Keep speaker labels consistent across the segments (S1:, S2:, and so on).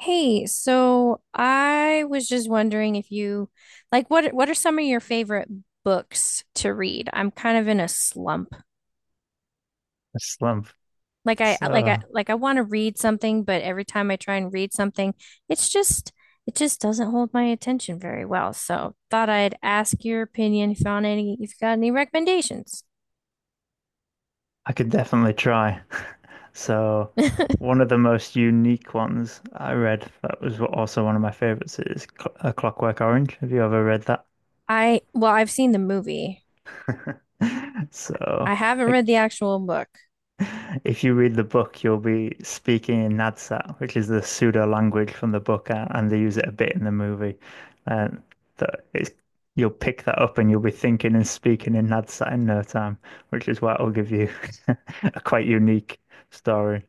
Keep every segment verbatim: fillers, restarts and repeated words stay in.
S1: Hey, so I was just wondering if you like what what are some of your favorite books to read? I'm kind of in a slump.
S2: A slump.
S1: Like I like I
S2: So
S1: like I want to read something, but every time I try and read something, it's just it just doesn't hold my attention very well. So thought I'd ask your opinion if you on any if you got any recommendations.
S2: I could definitely try. So one of the most unique ones I read that was also one of my favorites is Cl- A Clockwork Orange. Have you ever read that?
S1: I well, I've seen the movie.
S2: So
S1: I haven't
S2: I,
S1: read the actual book.
S2: If you read the book, you'll be speaking in Nadsat, which is the pseudo language from the book, uh, and they use it a bit in the movie. And that it's, you'll pick that up and you'll be thinking and speaking in Nadsat in no time, which is why it'll give you a quite unique story,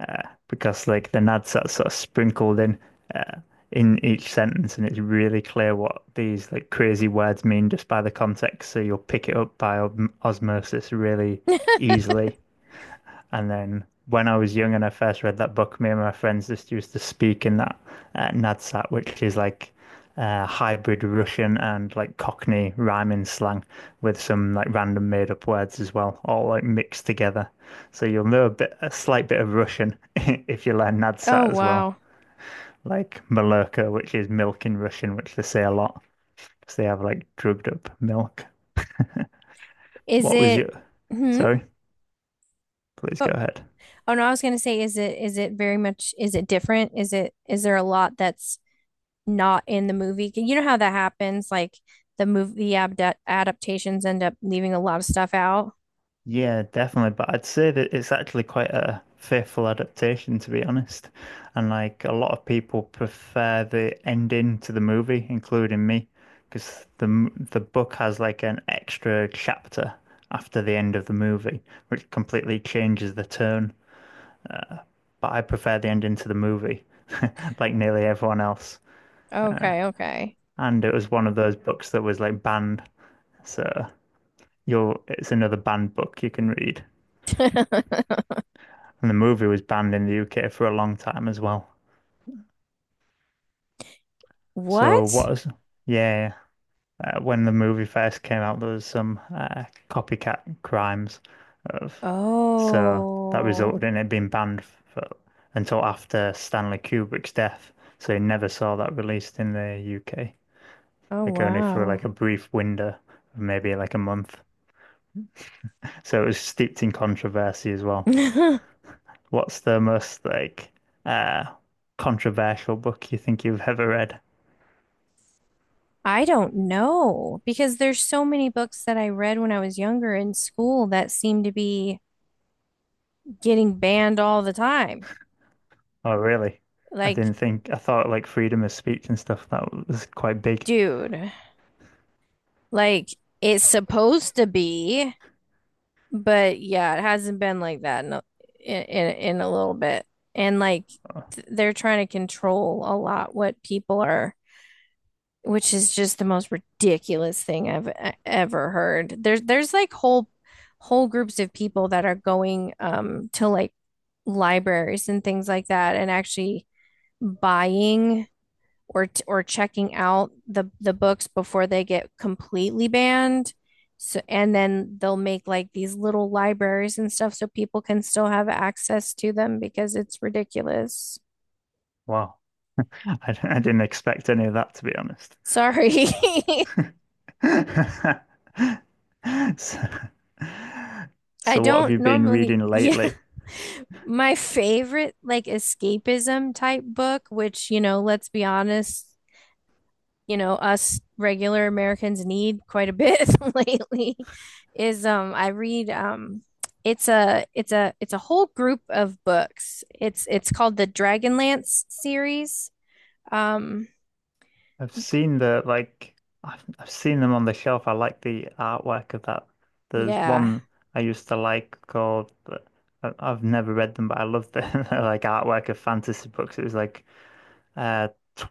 S2: uh, because like the Nadsat's sort of sprinkled in uh, in each sentence, and it's really clear what these like crazy words mean just by the context. So you'll pick it up by osmosis really easily. And then when I was young and I first read that book, me and my friends just used to speak in that uh, Nadsat, which is like uh, hybrid Russian and like Cockney rhyming slang with some like random made up words as well, all like mixed together. So you'll know a bit, a slight bit of Russian if you learn
S1: Oh
S2: Nadsat as well,
S1: wow.
S2: like Malurka, which is milk in Russian, which they say a lot because they have like drugged up milk.
S1: Is
S2: What was
S1: it
S2: your?
S1: hmm?
S2: Sorry, please go ahead.
S1: Oh no, I was gonna say, is it is it very much is it different? Is it is there a lot that's not in the movie? You know how that happens, like the movie abda- adaptations end up leaving a lot of stuff out.
S2: Yeah, definitely. But I'd say that it's actually quite a faithful adaptation, to be honest. And like a lot of people prefer the ending to the movie, including me, because the m- the book has like an extra chapter after the end of the movie, which completely changes the tone. Uh, but I prefer the ending to the movie, like nearly everyone else.
S1: Okay, okay.
S2: And it was one of those books that was like banned, so you'll it's another banned book you can read. And the movie was banned in the U K for a long time as well. So
S1: What?
S2: what is, yeah, uh, when the movie first came out, there was some uh, copycat crimes of, so that
S1: Oh,
S2: resulted in it being banned for, until after Stanley Kubrick's death. So you never saw that released in the U K,
S1: oh
S2: like only for
S1: wow.
S2: like a brief window, of maybe like a month. So it was steeped in controversy as well. What's the most like uh controversial book you think you've ever read?
S1: I don't know because there's so many books that I read when I was younger in school that seem to be getting banned all the time.
S2: Oh, really? I
S1: Like,
S2: didn't think, I thought like freedom of speech and stuff, that was quite big.
S1: dude. Like it's supposed to be, but yeah, it hasn't been like that in a, in in a little bit. And like
S2: Oh,
S1: th- they're trying to control a lot what people are, which is just the most ridiculous thing I've e- ever heard. There's there's like whole whole groups of people that are going um to like libraries and things like that and actually buying or or checking out the the books before they get completely banned. So and then they'll make like these little libraries and stuff so people can still have access to them because it's ridiculous.
S2: wow. I, d- I didn't expect any of that, to be honest.
S1: Sorry.
S2: So,
S1: I
S2: so what have
S1: don't
S2: you been
S1: normally,
S2: reading
S1: yeah.
S2: lately?
S1: My favorite like escapism type book, which, you know, let's be honest, you know us regular Americans need quite a bit lately is um I read um it's a it's a it's a whole group of books. It's it's called the Dragonlance series. Um
S2: I've seen the, like, I've, I've seen them on the shelf. I like the artwork of that. There's
S1: yeah.
S2: one I used to like called, I- I've never read them, but I love the like artwork of fantasy books. It was like, uh t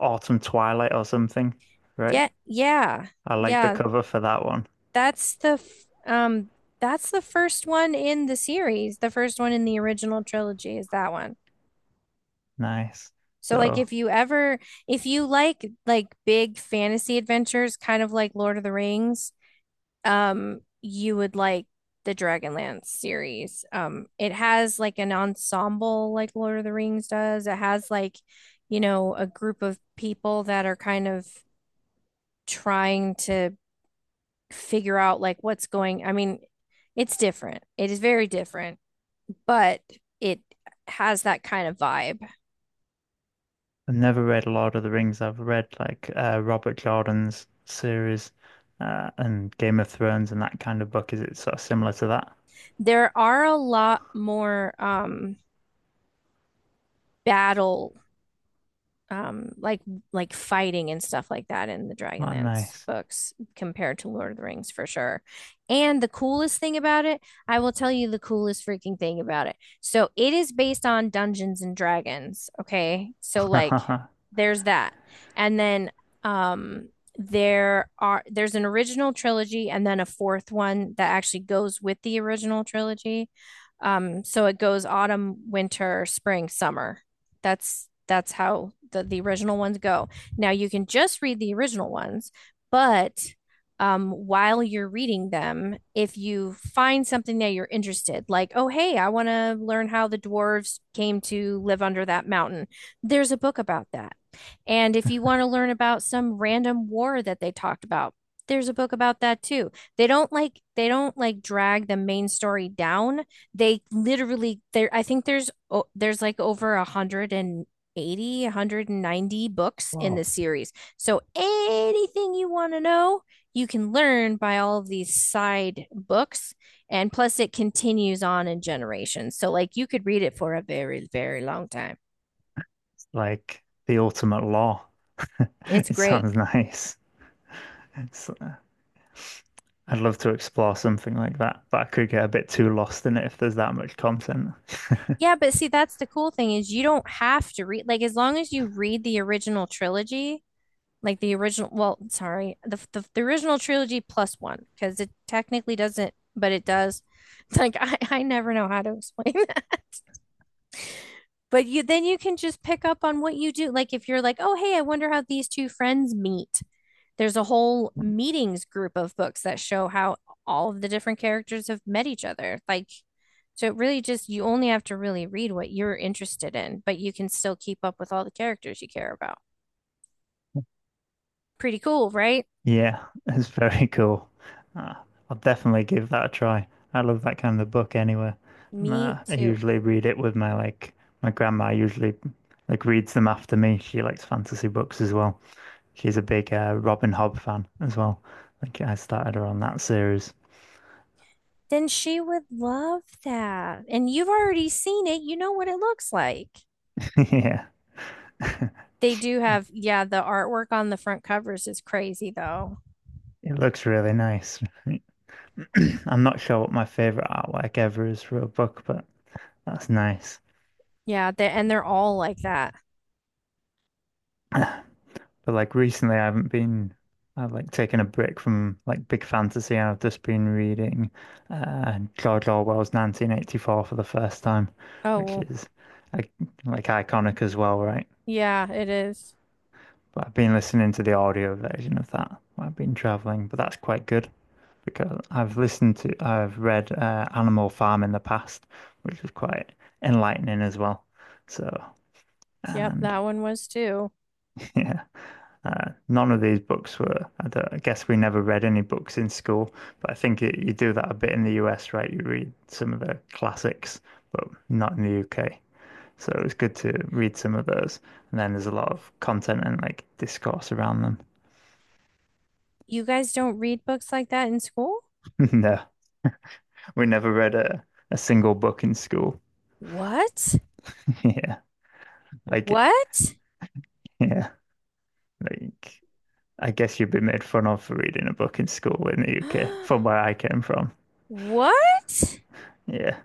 S2: Autumn Twilight or something, right?
S1: Yeah, yeah.
S2: I like the
S1: Yeah,
S2: cover for that one.
S1: that's the f- um that's the first one in the series. The first one in the original trilogy is that one.
S2: Nice.
S1: So like
S2: So
S1: if you ever if you like like big fantasy adventures kind of like Lord of the Rings, um you would like the Dragonlance series. Um it has like an ensemble like Lord of the Rings does. It has like, you know, a group of people that are kind of trying to figure out like what's going. I mean, it's different. It is very different, but it has that kind of vibe.
S2: I've never read Lord of the Rings. I've read like uh Robert Jordan's series uh and Game of Thrones and that kind of book. Is it sort of similar to that?
S1: There are a lot more um battle um like like fighting and stuff like that in the
S2: Oh,
S1: Dragonlance
S2: nice.
S1: books compared to Lord of the Rings for sure. And the coolest thing about it, I will tell you the coolest freaking thing about it. So it is based on Dungeons and Dragons, okay? So like there's that. And then um there are there's an original trilogy and then a fourth one that actually goes with the original trilogy. Um so it goes autumn, winter, spring, summer, that's that's how the, the original ones go. Now you can just read the original ones, but um, while you're reading them, if you find something that you're interested, like, oh, hey, I want to learn how the dwarves came to live under that mountain, there's a book about that. And if you want to learn about some random war that they talked about, there's a book about that too. They don't like they don't like drag the main story down, they literally there I think there's oh, there's like over a hundred eighty, one hundred ninety books in
S2: Wow.
S1: this series. So anything you want to know, you can learn by all of these side books, and plus it continues on in generations. So like you could read it for a very very long time.
S2: It's like the ultimate law.
S1: It's
S2: It
S1: great.
S2: sounds nice. It's, uh, I'd love to explore something like that, but I could get a bit too lost in it if there's that much content.
S1: Yeah, but see that's the cool thing is you don't have to read, like as long as you read the original trilogy, like the original, well sorry, the the, the original trilogy plus one because it technically doesn't but it does. It's like I, I never know how to explain that, but you then you can just pick up on what you do like, if you're like, oh hey, I wonder how these two friends meet, there's a whole meetings group of books that show how all of the different characters have met each other, like so it really just you only have to really read what you're interested in but you can still keep up with all the characters you care about, pretty cool right.
S2: Yeah, it's very cool. Uh, I'll definitely give that a try. I love that kind of book anyway. And uh,
S1: Me
S2: I
S1: too.
S2: usually read it with my like my grandma usually like reads them after me. She likes fantasy books as well. She's a big uh, Robin Hobb fan as well. Like I started her on that series.
S1: Then she would love that. And you've already seen it. You know what it looks like.
S2: Yeah.
S1: They do have, yeah, the artwork on the front covers is crazy though.
S2: It looks really nice. I'm not sure what my favorite artwork ever is for a book, but that's nice.
S1: Yeah, they, and they're all like that.
S2: But like recently, I haven't been. I've like taken a break from like big fantasy, and I've just been reading uh, George Orwell's nineteen eighty-four for the first time,
S1: Oh,
S2: which
S1: well,
S2: is like, like iconic as well, right?
S1: yeah, it is.
S2: But I've been listening to the audio version of that while I've been traveling, but that's quite good because I've listened to, I've read uh, Animal Farm in the past, which was quite enlightening as well. So,
S1: Yep,
S2: and
S1: that one was too.
S2: yeah. Uh, none of these books were, I don't, I guess we never read any books in school, but I think it, you do that a bit in the U S, right? You read some of the classics, but not in the U K. So it was good to read some of those. And then there's a lot of content and like discourse around them.
S1: You guys don't read books like that in school?
S2: No, we never read a, a single book in school.
S1: What?
S2: Yeah. Like,
S1: What?
S2: yeah. Like, I guess you'd be made fun of for reading a book in school in the U K, from where I came from.
S1: What?
S2: Yeah.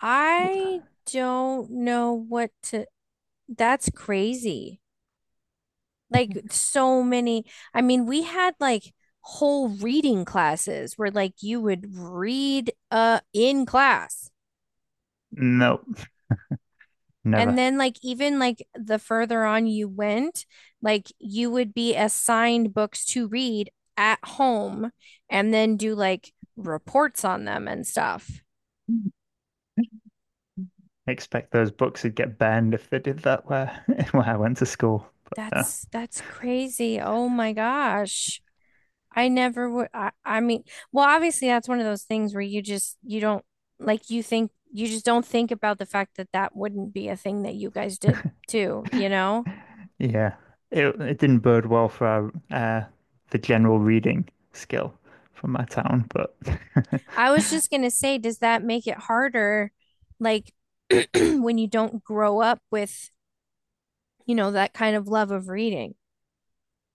S1: I don't know what to. That's crazy. Like so many. I mean, we had like whole reading classes where like you would read uh in class.
S2: Nope.
S1: And
S2: Never.
S1: then like even like the further on you went, like you would be assigned books to read at home and then do like reports on them and stuff.
S2: Expect those books would get banned if they did that where where I went to school. But
S1: That's that's crazy. Oh my gosh. I never would. I, I mean, well, obviously that's one of those things where you just you don't like you think you just don't think about the fact that that wouldn't be a thing that you guys did too,
S2: uh,
S1: you know?
S2: yeah, it it didn't bode well for our, uh, the general reading skill from my town, but
S1: I was just gonna say, does that make it harder, like when you don't grow up with, you know, that kind of love of reading?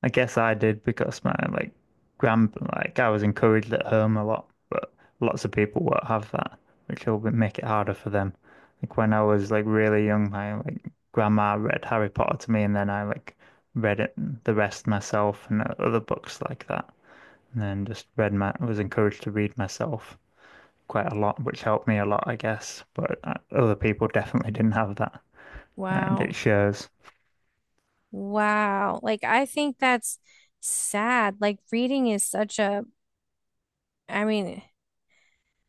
S2: I guess I did because my like grand like I was encouraged at home a lot, but lots of people won't have that, which will be- make it harder for them. Like when I was like really young, my like grandma read Harry Potter to me, and then I like read it the rest myself and uh, other books like that, and then just read my was encouraged to read myself quite a lot, which helped me a lot, I guess. But uh, other people definitely didn't have that, and it
S1: Wow.
S2: shows.
S1: Wow. Like I think that's sad. Like reading is such a, I mean,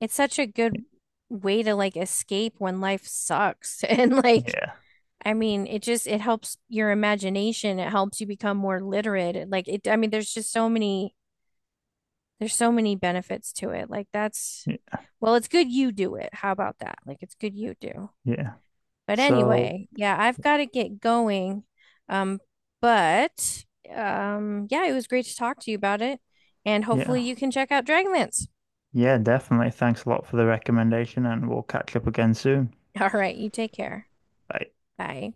S1: it's such a good way to like escape when life sucks and like
S2: Yeah,
S1: I mean it just it helps your imagination, it helps you become more literate, like it, I mean there's just so many, there's so many benefits to it, like that's,
S2: yeah,
S1: well it's good you do it, how about that, like it's good you do.
S2: yeah.
S1: But
S2: So.
S1: anyway, yeah I've got to get going, um but um yeah it was great to talk to you about it and
S2: Yeah.
S1: hopefully you can check out Dragonlance.
S2: Yeah, definitely. Thanks a lot for the recommendation, and we'll catch up again soon.
S1: All right, you take care.
S2: Bye.
S1: Bye.